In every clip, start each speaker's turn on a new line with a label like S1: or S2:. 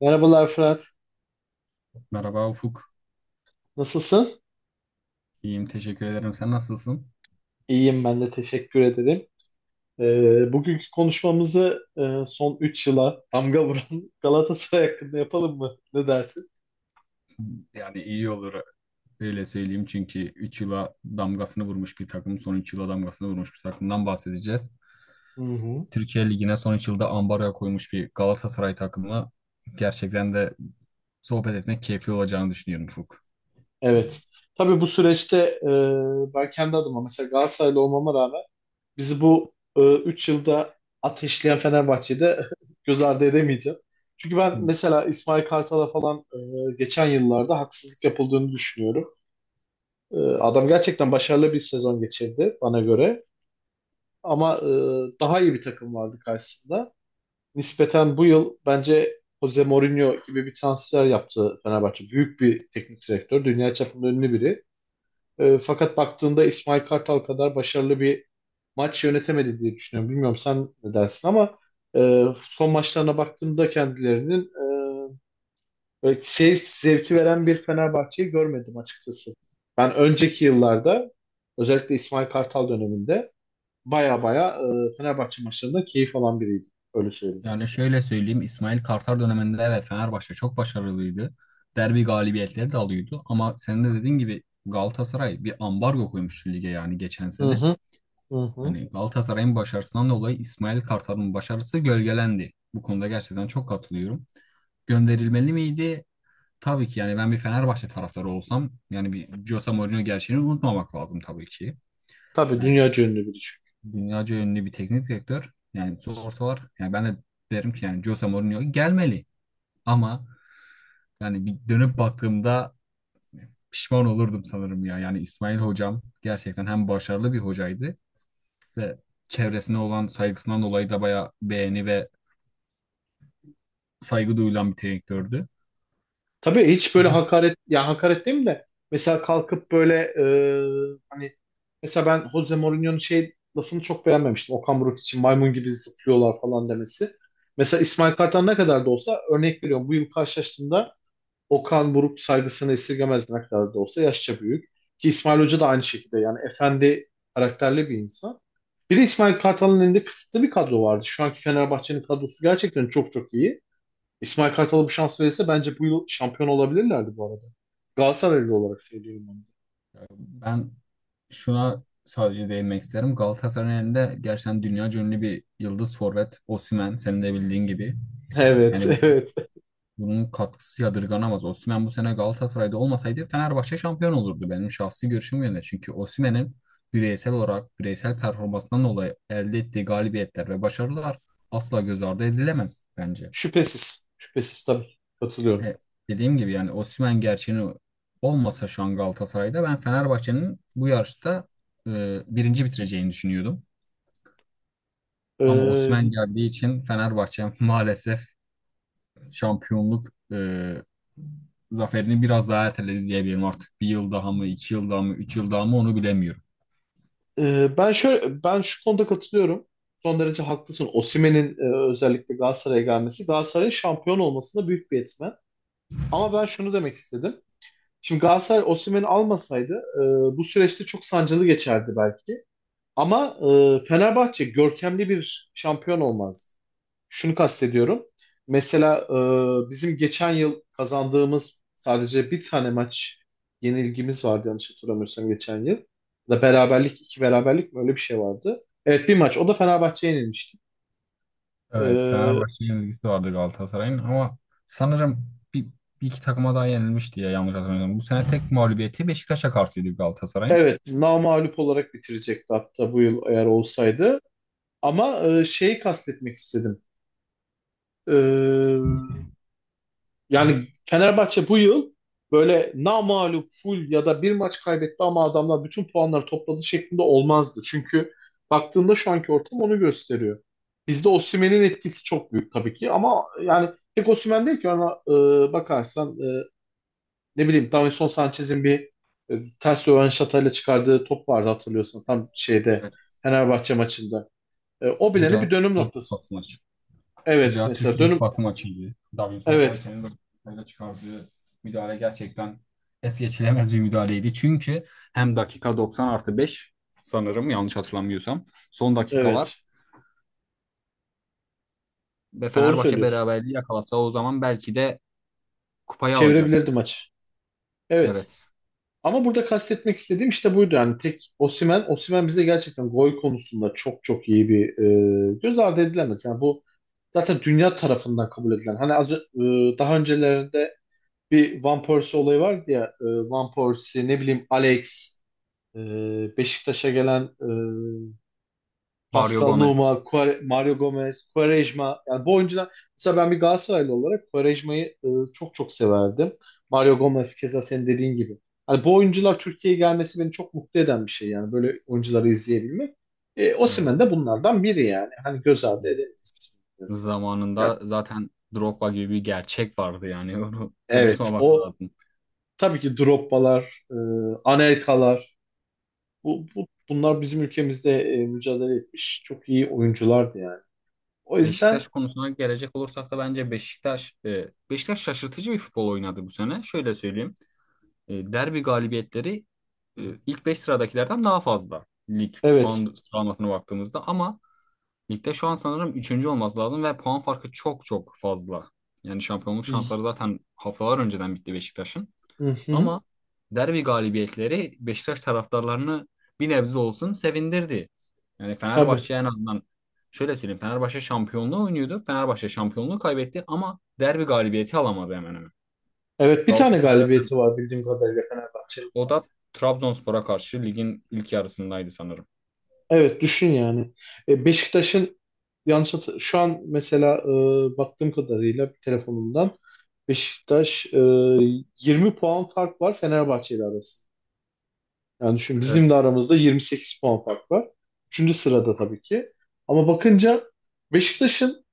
S1: Merhabalar Fırat.
S2: Merhaba Ufuk.
S1: Nasılsın?
S2: İyiyim, teşekkür ederim. Sen nasılsın?
S1: İyiyim ben de teşekkür ederim. Bugünkü konuşmamızı son 3 yıla damga vuran Galatasaray hakkında yapalım mı? Ne dersin?
S2: Yani iyi olur öyle söyleyeyim çünkü 3 yıla damgasını vurmuş bir takım, son 3 yıla damgasını vurmuş bir takımdan bahsedeceğiz.
S1: Hı hı.
S2: Türkiye Ligi'ne son 3 yılda ambargo koymuş bir Galatasaray takımı gerçekten de sohbet etmek keyifli olacağını düşünüyorum Ufuk.
S1: Evet. Tabii bu süreçte e, ben kendi adıma mesela Galatasaraylı olmama rağmen bizi bu 3 yılda ateşleyen Fenerbahçe'de göz ardı edemeyeceğim. Çünkü ben mesela İsmail Kartal'a falan geçen yıllarda haksızlık yapıldığını düşünüyorum. Adam gerçekten başarılı bir sezon geçirdi bana göre. Ama daha iyi bir takım vardı karşısında. Nispeten bu yıl bence Jose Mourinho gibi bir transfer yaptı Fenerbahçe. Büyük bir teknik direktör. Dünya çapında ünlü biri. Fakat baktığında İsmail Kartal kadar başarılı bir maç yönetemedi diye düşünüyorum. Bilmiyorum sen ne dersin ama son maçlarına baktığımda kendilerinin e, böyle seyir zevki veren bir Fenerbahçe'yi görmedim açıkçası. Ben önceki yıllarda özellikle İsmail Kartal döneminde baya baya Fenerbahçe maçlarında keyif alan biriydi. Öyle söyleyeyim.
S2: Yani şöyle söyleyeyim İsmail Kartal döneminde evet Fenerbahçe çok başarılıydı. Derbi galibiyetleri de alıyordu ama senin de dediğin gibi Galatasaray bir ambargo koymuştu lige yani geçen
S1: Hı
S2: sene.
S1: hı, hı hı.
S2: Hani Galatasaray'ın başarısından dolayı İsmail Kartal'ın başarısı gölgelendi. Bu konuda gerçekten çok katılıyorum. Gönderilmeli miydi? Tabii ki yani ben bir Fenerbahçe taraftarı olsam yani bir Jose Mourinho gerçeğini unutmamak lazım tabii ki.
S1: Tabii
S2: Yani
S1: dünya ünlü biri çünkü.
S2: dünyaca ünlü bir teknik direktör. Yani ortalar yani ben de derim ki yani Jose Mourinho gelmeli ama yani bir dönüp baktığımda pişman olurdum sanırım ya. Yani İsmail hocam gerçekten hem başarılı bir hocaydı ve çevresine olan saygısından dolayı da bayağı beğeni ve saygı duyulan bir direktördü.
S1: Tabii hiç
S2: Hı
S1: böyle
S2: hı.
S1: hakaret, ya hakaret değil mi de mesela kalkıp böyle hani mesela ben Jose Mourinho'nun şey lafını çok beğenmemiştim. Okan Buruk için maymun gibi zıplıyorlar falan demesi. Mesela İsmail Kartal ne kadar da olsa örnek veriyorum bu yıl karşılaştığında Okan Buruk saygısını esirgemez ne kadar da olsa yaşça büyük. Ki İsmail Hoca da aynı şekilde yani efendi karakterli bir insan. Bir de İsmail Kartal'ın elinde kısıtlı bir kadro vardı. Şu anki Fenerbahçe'nin kadrosu gerçekten çok çok iyi. İsmail Kartal'a bu şans verirse bence bu yıl şampiyon olabilirlerdi bu arada. Galatasaraylı olarak söylüyorum onu.
S2: Ben şuna sadece değinmek isterim. Galatasaray'ın elinde gerçekten dünya ünlü bir yıldız forvet Osimhen senin de bildiğin gibi.
S1: Evet,
S2: Yani
S1: evet.
S2: bunun katkısı yadırganamaz. Osimhen bu sene Galatasaray'da olmasaydı Fenerbahçe şampiyon olurdu. Benim şahsi görüşüm yönde. Çünkü Osimhen'in bireysel olarak bireysel performansından dolayı elde ettiği galibiyetler ve başarılar asla göz ardı edilemez bence.
S1: Şüphesiz. Şüphesiz tabii. Katılıyorum.
S2: E, Dediğim gibi yani Osimhen gerçeğini olmasa şu an Galatasaray'da ben Fenerbahçe'nin bu yarışta birinci bitireceğini düşünüyordum. Ama
S1: Ee,
S2: Osimhen geldiği için Fenerbahçe maalesef şampiyonluk e, zaferini biraz daha erteledi diyebilirim artık. Bir yıl daha mı, iki yıl daha mı, üç yıl daha mı onu bilemiyorum.
S1: ben şu konuda katılıyorum. Son derece haklısın. Osimhen'in özellikle Galatasaray'a gelmesi, Galatasaray'ın şampiyon olmasında büyük bir etmen. Ama ben şunu demek istedim. Şimdi Galatasaray Osimhen'i almasaydı bu süreçte çok sancılı geçerdi belki. Ama Fenerbahçe görkemli bir şampiyon olmazdı. Şunu kastediyorum. Mesela bizim geçen yıl kazandığımız sadece bir tane maç yenilgimiz vardı yanlış hatırlamıyorsam geçen yıl. Ya da beraberlik, iki beraberlik mi öyle bir şey vardı. Evet, bir maç. O da Fenerbahçe'ye yenilmişti.
S2: Evet,
S1: E,
S2: Fenerbahçe'ye ilgisi vardı Galatasaray'ın ama sanırım bir, bir iki takıma daha yenilmişti ya yanlış hatırlamıyorum. Bu sene tek mağlubiyeti Beşiktaş'a karşıydı Galatasaray'ın.
S1: evet, namağlup olarak bitirecekti hatta bu yıl eğer olsaydı. Ama şeyi kastetmek istedim. E, Yani Fenerbahçe bu yıl böyle namağlup full ya da bir maç kaybetti ama adamlar bütün puanları topladı şeklinde olmazdı. Çünkü baktığında şu anki ortam onu gösteriyor. Bizde Osimhen'in etkisi çok büyük tabii ki ama yani tek Osimhen değil ki ona bakarsan ne bileyim Davinson Sanchez'in bir ters rövanşatayla çıkardığı top vardı hatırlıyorsan tam şeyde
S2: Evet.
S1: Fenerbahçe maçında. O bilene
S2: Zira
S1: bir dönüm
S2: Türkiye
S1: noktası.
S2: Kupası maçı.
S1: Evet,
S2: Zira
S1: mesela
S2: Türkiye ilk
S1: dönüm.
S2: batı maçıydı. Davinson
S1: Evet,
S2: Sanchez'in dakikayla çıkardığı müdahale gerçekten es geçilemez bir müdahaleydi. Çünkü hem dakika 90 artı 5 sanırım yanlış hatırlamıyorsam son dakikalar
S1: evet,
S2: ve
S1: doğru
S2: Fenerbahçe
S1: söylüyorsun.
S2: beraberliği yakalasa o zaman belki de kupayı
S1: Çevirebilirdi
S2: alacaktı.
S1: maçı. Evet.
S2: Evet.
S1: Ama burada kastetmek istediğim işte buydu. Yani tek Osimhen, Osimhen bize gerçekten gol konusunda çok çok iyi bir göz ardı edilemez. Yani bu zaten dünya tarafından kabul edilen. Hani az, daha öncelerinde bir Van Persie olayı vardı ya. Van Persie, ne bileyim Alex, Beşiktaş'a gelen
S2: Mario
S1: Pascal
S2: Gomez.
S1: Nouma, Mario Gomez, Quaresma. Yani bu oyuncular mesela ben bir Galatasaraylı olarak Quaresma'yı çok çok severdim. Mario Gomez keza senin dediğin gibi. Hani bu oyuncular Türkiye'ye gelmesi beni çok mutlu eden bir şey yani böyle oyuncuları izleyebilmek.
S2: Evet.
S1: Osimhen de bunlardan biri yani. Hani göz ardı edemeyiz biz. Yani,
S2: Zamanında zaten Drogba gibi bir gerçek vardı yani onu
S1: evet
S2: unutmamak
S1: o
S2: lazım.
S1: tabii ki Drogba'lar, Anelka'lar, bunlar bizim ülkemizde mücadele etmiş çok iyi oyunculardı yani. O yüzden
S2: Beşiktaş konusuna gelecek olursak da bence Beşiktaş Beşiktaş şaşırtıcı bir futbol oynadı bu sene. Şöyle söyleyeyim. Derbi galibiyetleri ilk 5 sıradakilerden daha fazla. Lig
S1: evet.
S2: puan sıralamasına baktığımızda ama ligde şu an sanırım üçüncü olması lazım ve puan farkı çok çok fazla. Yani şampiyonluk şansları zaten haftalar önceden bitti Beşiktaş'ın.
S1: Hı hı.
S2: Ama derbi galibiyetleri Beşiktaş taraftarlarını bir nebze olsun sevindirdi. Yani
S1: Tabii.
S2: Fenerbahçe en azından şöyle söyleyeyim Fenerbahçe şampiyonluğu oynuyordu. Fenerbahçe şampiyonluğu kaybetti ama derbi galibiyeti alamadı hemen hemen.
S1: Evet, bir tane
S2: Galatasaray ve
S1: galibiyeti var bildiğim kadarıyla Fenerbahçe'nin.
S2: o da Trabzonspor'a karşı ligin ilk yarısındaydı sanırım.
S1: Evet düşün yani. E, Beşiktaş'ın şu an mesela baktığım kadarıyla telefonumdan Beşiktaş 20 puan fark var Fenerbahçe ile arasında. Yani düşün
S2: Evet.
S1: bizim de aramızda 28 puan fark var. Üçüncü sırada tabii ki. Ama bakınca Beşiktaş'ın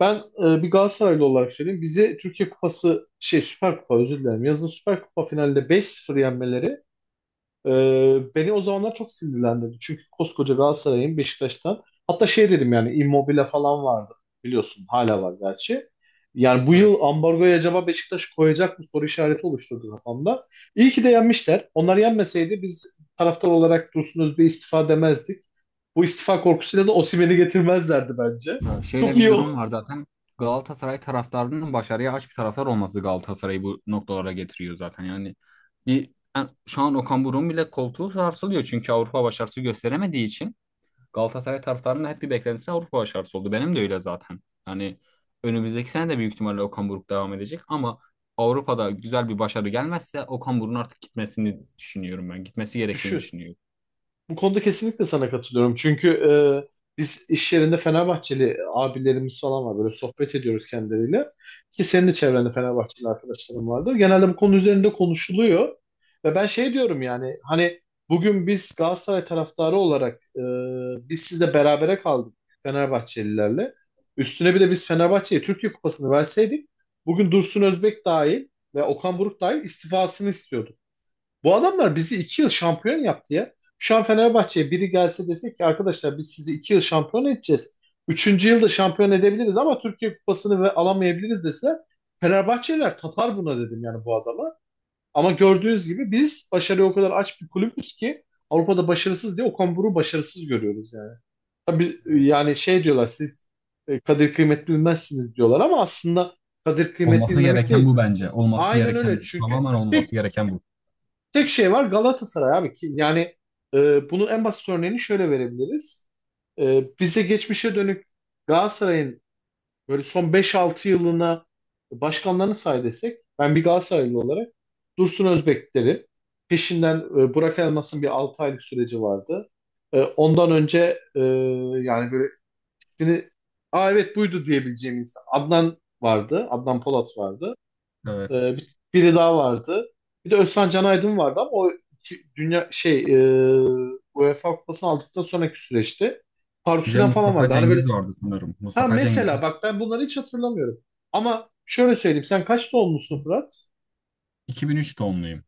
S1: ben bir Galatasaraylı olarak söyleyeyim. Bize Türkiye Kupası, şey, Süper Kupa, özür dilerim. Yazın Süper Kupa finalinde beş 0 yenmeleri beni o zamanlar çok sinirlendirdi. Çünkü koskoca Galatasaray'ın Beşiktaş'tan hatta şey dedim yani Immobile falan vardı. Biliyorsun hala var gerçi. Yani bu
S2: Evet.
S1: yıl ambargoya acaba Beşiktaş koyacak mı soru işareti oluşturdu kafamda. İyi ki de yenmişler. Onlar yenmeseydi biz taraftar olarak Dursun Özbek'e istifa demezdik. Bu istifa korkusuyla da Osimhen'i getirmezlerdi bence.
S2: Ya
S1: Çok
S2: şöyle bir
S1: iyi o.
S2: durum var zaten. Galatasaray taraftarının başarıya aç bir taraftar olması Galatasaray'ı bu noktalara getiriyor zaten. Yani bir yani şu an Okan Buruk'un bile koltuğu sarsılıyor çünkü Avrupa başarısı gösteremediği için Galatasaray taraftarının da hep bir beklentisi Avrupa başarısı oldu. Benim de öyle zaten. Yani önümüzdeki sene de büyük ihtimalle Okan Buruk devam edecek ama Avrupa'da güzel bir başarı gelmezse Okan Buruk'un artık gitmesini düşünüyorum ben. Gitmesi gerektiğini
S1: Düşün.
S2: düşünüyorum.
S1: Bu konuda kesinlikle sana katılıyorum. Çünkü biz iş yerinde Fenerbahçeli abilerimiz falan var. Böyle sohbet ediyoruz kendileriyle. Ki senin de çevrende Fenerbahçeli arkadaşların vardır. Genelde bu konu üzerinde konuşuluyor. Ve ben şey diyorum yani hani bugün biz Galatasaray taraftarı olarak biz sizle berabere kaldık Fenerbahçelilerle. Üstüne bir de biz Fenerbahçe'ye Türkiye Kupası'nı verseydik bugün Dursun Özbek dahil ve Okan Buruk dahil istifasını istiyorduk. Bu adamlar bizi iki yıl şampiyon yaptı ya. Şu an Fenerbahçe'ye biri gelse desek ki arkadaşlar biz sizi iki yıl şampiyon edeceğiz. Üçüncü yılda şampiyon edebiliriz ama Türkiye Kupası'nı ve alamayabiliriz deseler Fenerbahçeliler tatar buna dedim yani bu adama. Ama gördüğünüz gibi biz başarıya o kadar aç bir kulübüz ki Avrupa'da başarısız diye Okan Buruk'u başarısız görüyoruz yani. Tabii
S2: Evet.
S1: yani şey diyorlar siz kadir kıymet bilmezsiniz diyorlar ama aslında kadir kıymet
S2: Olması
S1: bilmemek
S2: gereken
S1: değil.
S2: bu bence. Olması
S1: Aynen
S2: gereken
S1: öyle
S2: bu.
S1: çünkü
S2: Tamamen olması gereken bu.
S1: tek şey var Galatasaray abi ki yani, bunun en basit örneğini şöyle verebiliriz. Bize geçmişe dönük Galatasaray'ın böyle son beş altı yılına başkanlarını say desek ben bir Galatasaraylı olarak Dursun Özbekleri peşinden Burak Elmas'ın bir 6 aylık süreci vardı. Ondan önce yani böyle ismini aa evet buydu diyebileceğim insan. Adnan vardı. Adnan Polat vardı. Ee,
S2: Evet.
S1: bir- biri daha vardı. Bir de Özcan Can Aydın vardı ama o dünya şey UEFA Kupası'nı aldıktan sonraki süreçte Faruk
S2: Bir de
S1: Süren falan
S2: Mustafa
S1: vardı. Hani böyle
S2: Cengiz vardı sanırım.
S1: ha,
S2: Mustafa Cengiz.
S1: mesela bak ben bunları hiç hatırlamıyorum. Ama şöyle söyleyeyim sen kaç doğumlusun Fırat?
S2: 2003 doğumluyum.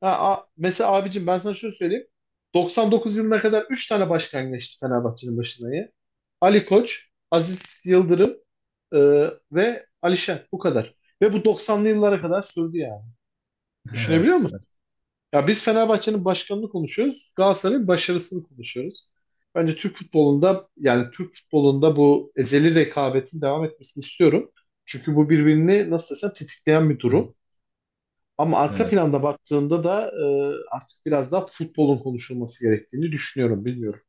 S1: Ha, mesela abicim ben sana şöyle söyleyeyim. 99 yılına kadar 3 tane başkan geçti Fenerbahçe'nin başına ya. Ali Koç, Aziz Yıldırım e, ve Alişen bu kadar. Ve bu 90'lı yıllara kadar sürdü yani. Düşünebiliyor
S2: Evet.
S1: musun? Ya biz Fenerbahçe'nin başkanını konuşuyoruz. Galatasaray'ın başarısını konuşuyoruz. Bence Türk futbolunda yani Türk futbolunda bu ezeli rekabetin devam etmesini istiyorum. Çünkü bu birbirini nasıl desem tetikleyen bir durum. Ama arka
S2: Evet.
S1: planda baktığında da artık biraz daha futbolun konuşulması gerektiğini düşünüyorum. Bilmiyorum.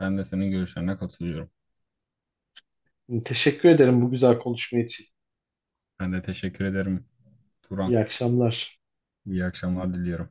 S2: Ben de senin görüşlerine katılıyorum.
S1: Teşekkür ederim bu güzel konuşma için.
S2: Ben de teşekkür ederim Turan.
S1: İyi akşamlar.
S2: İyi akşamlar diliyorum.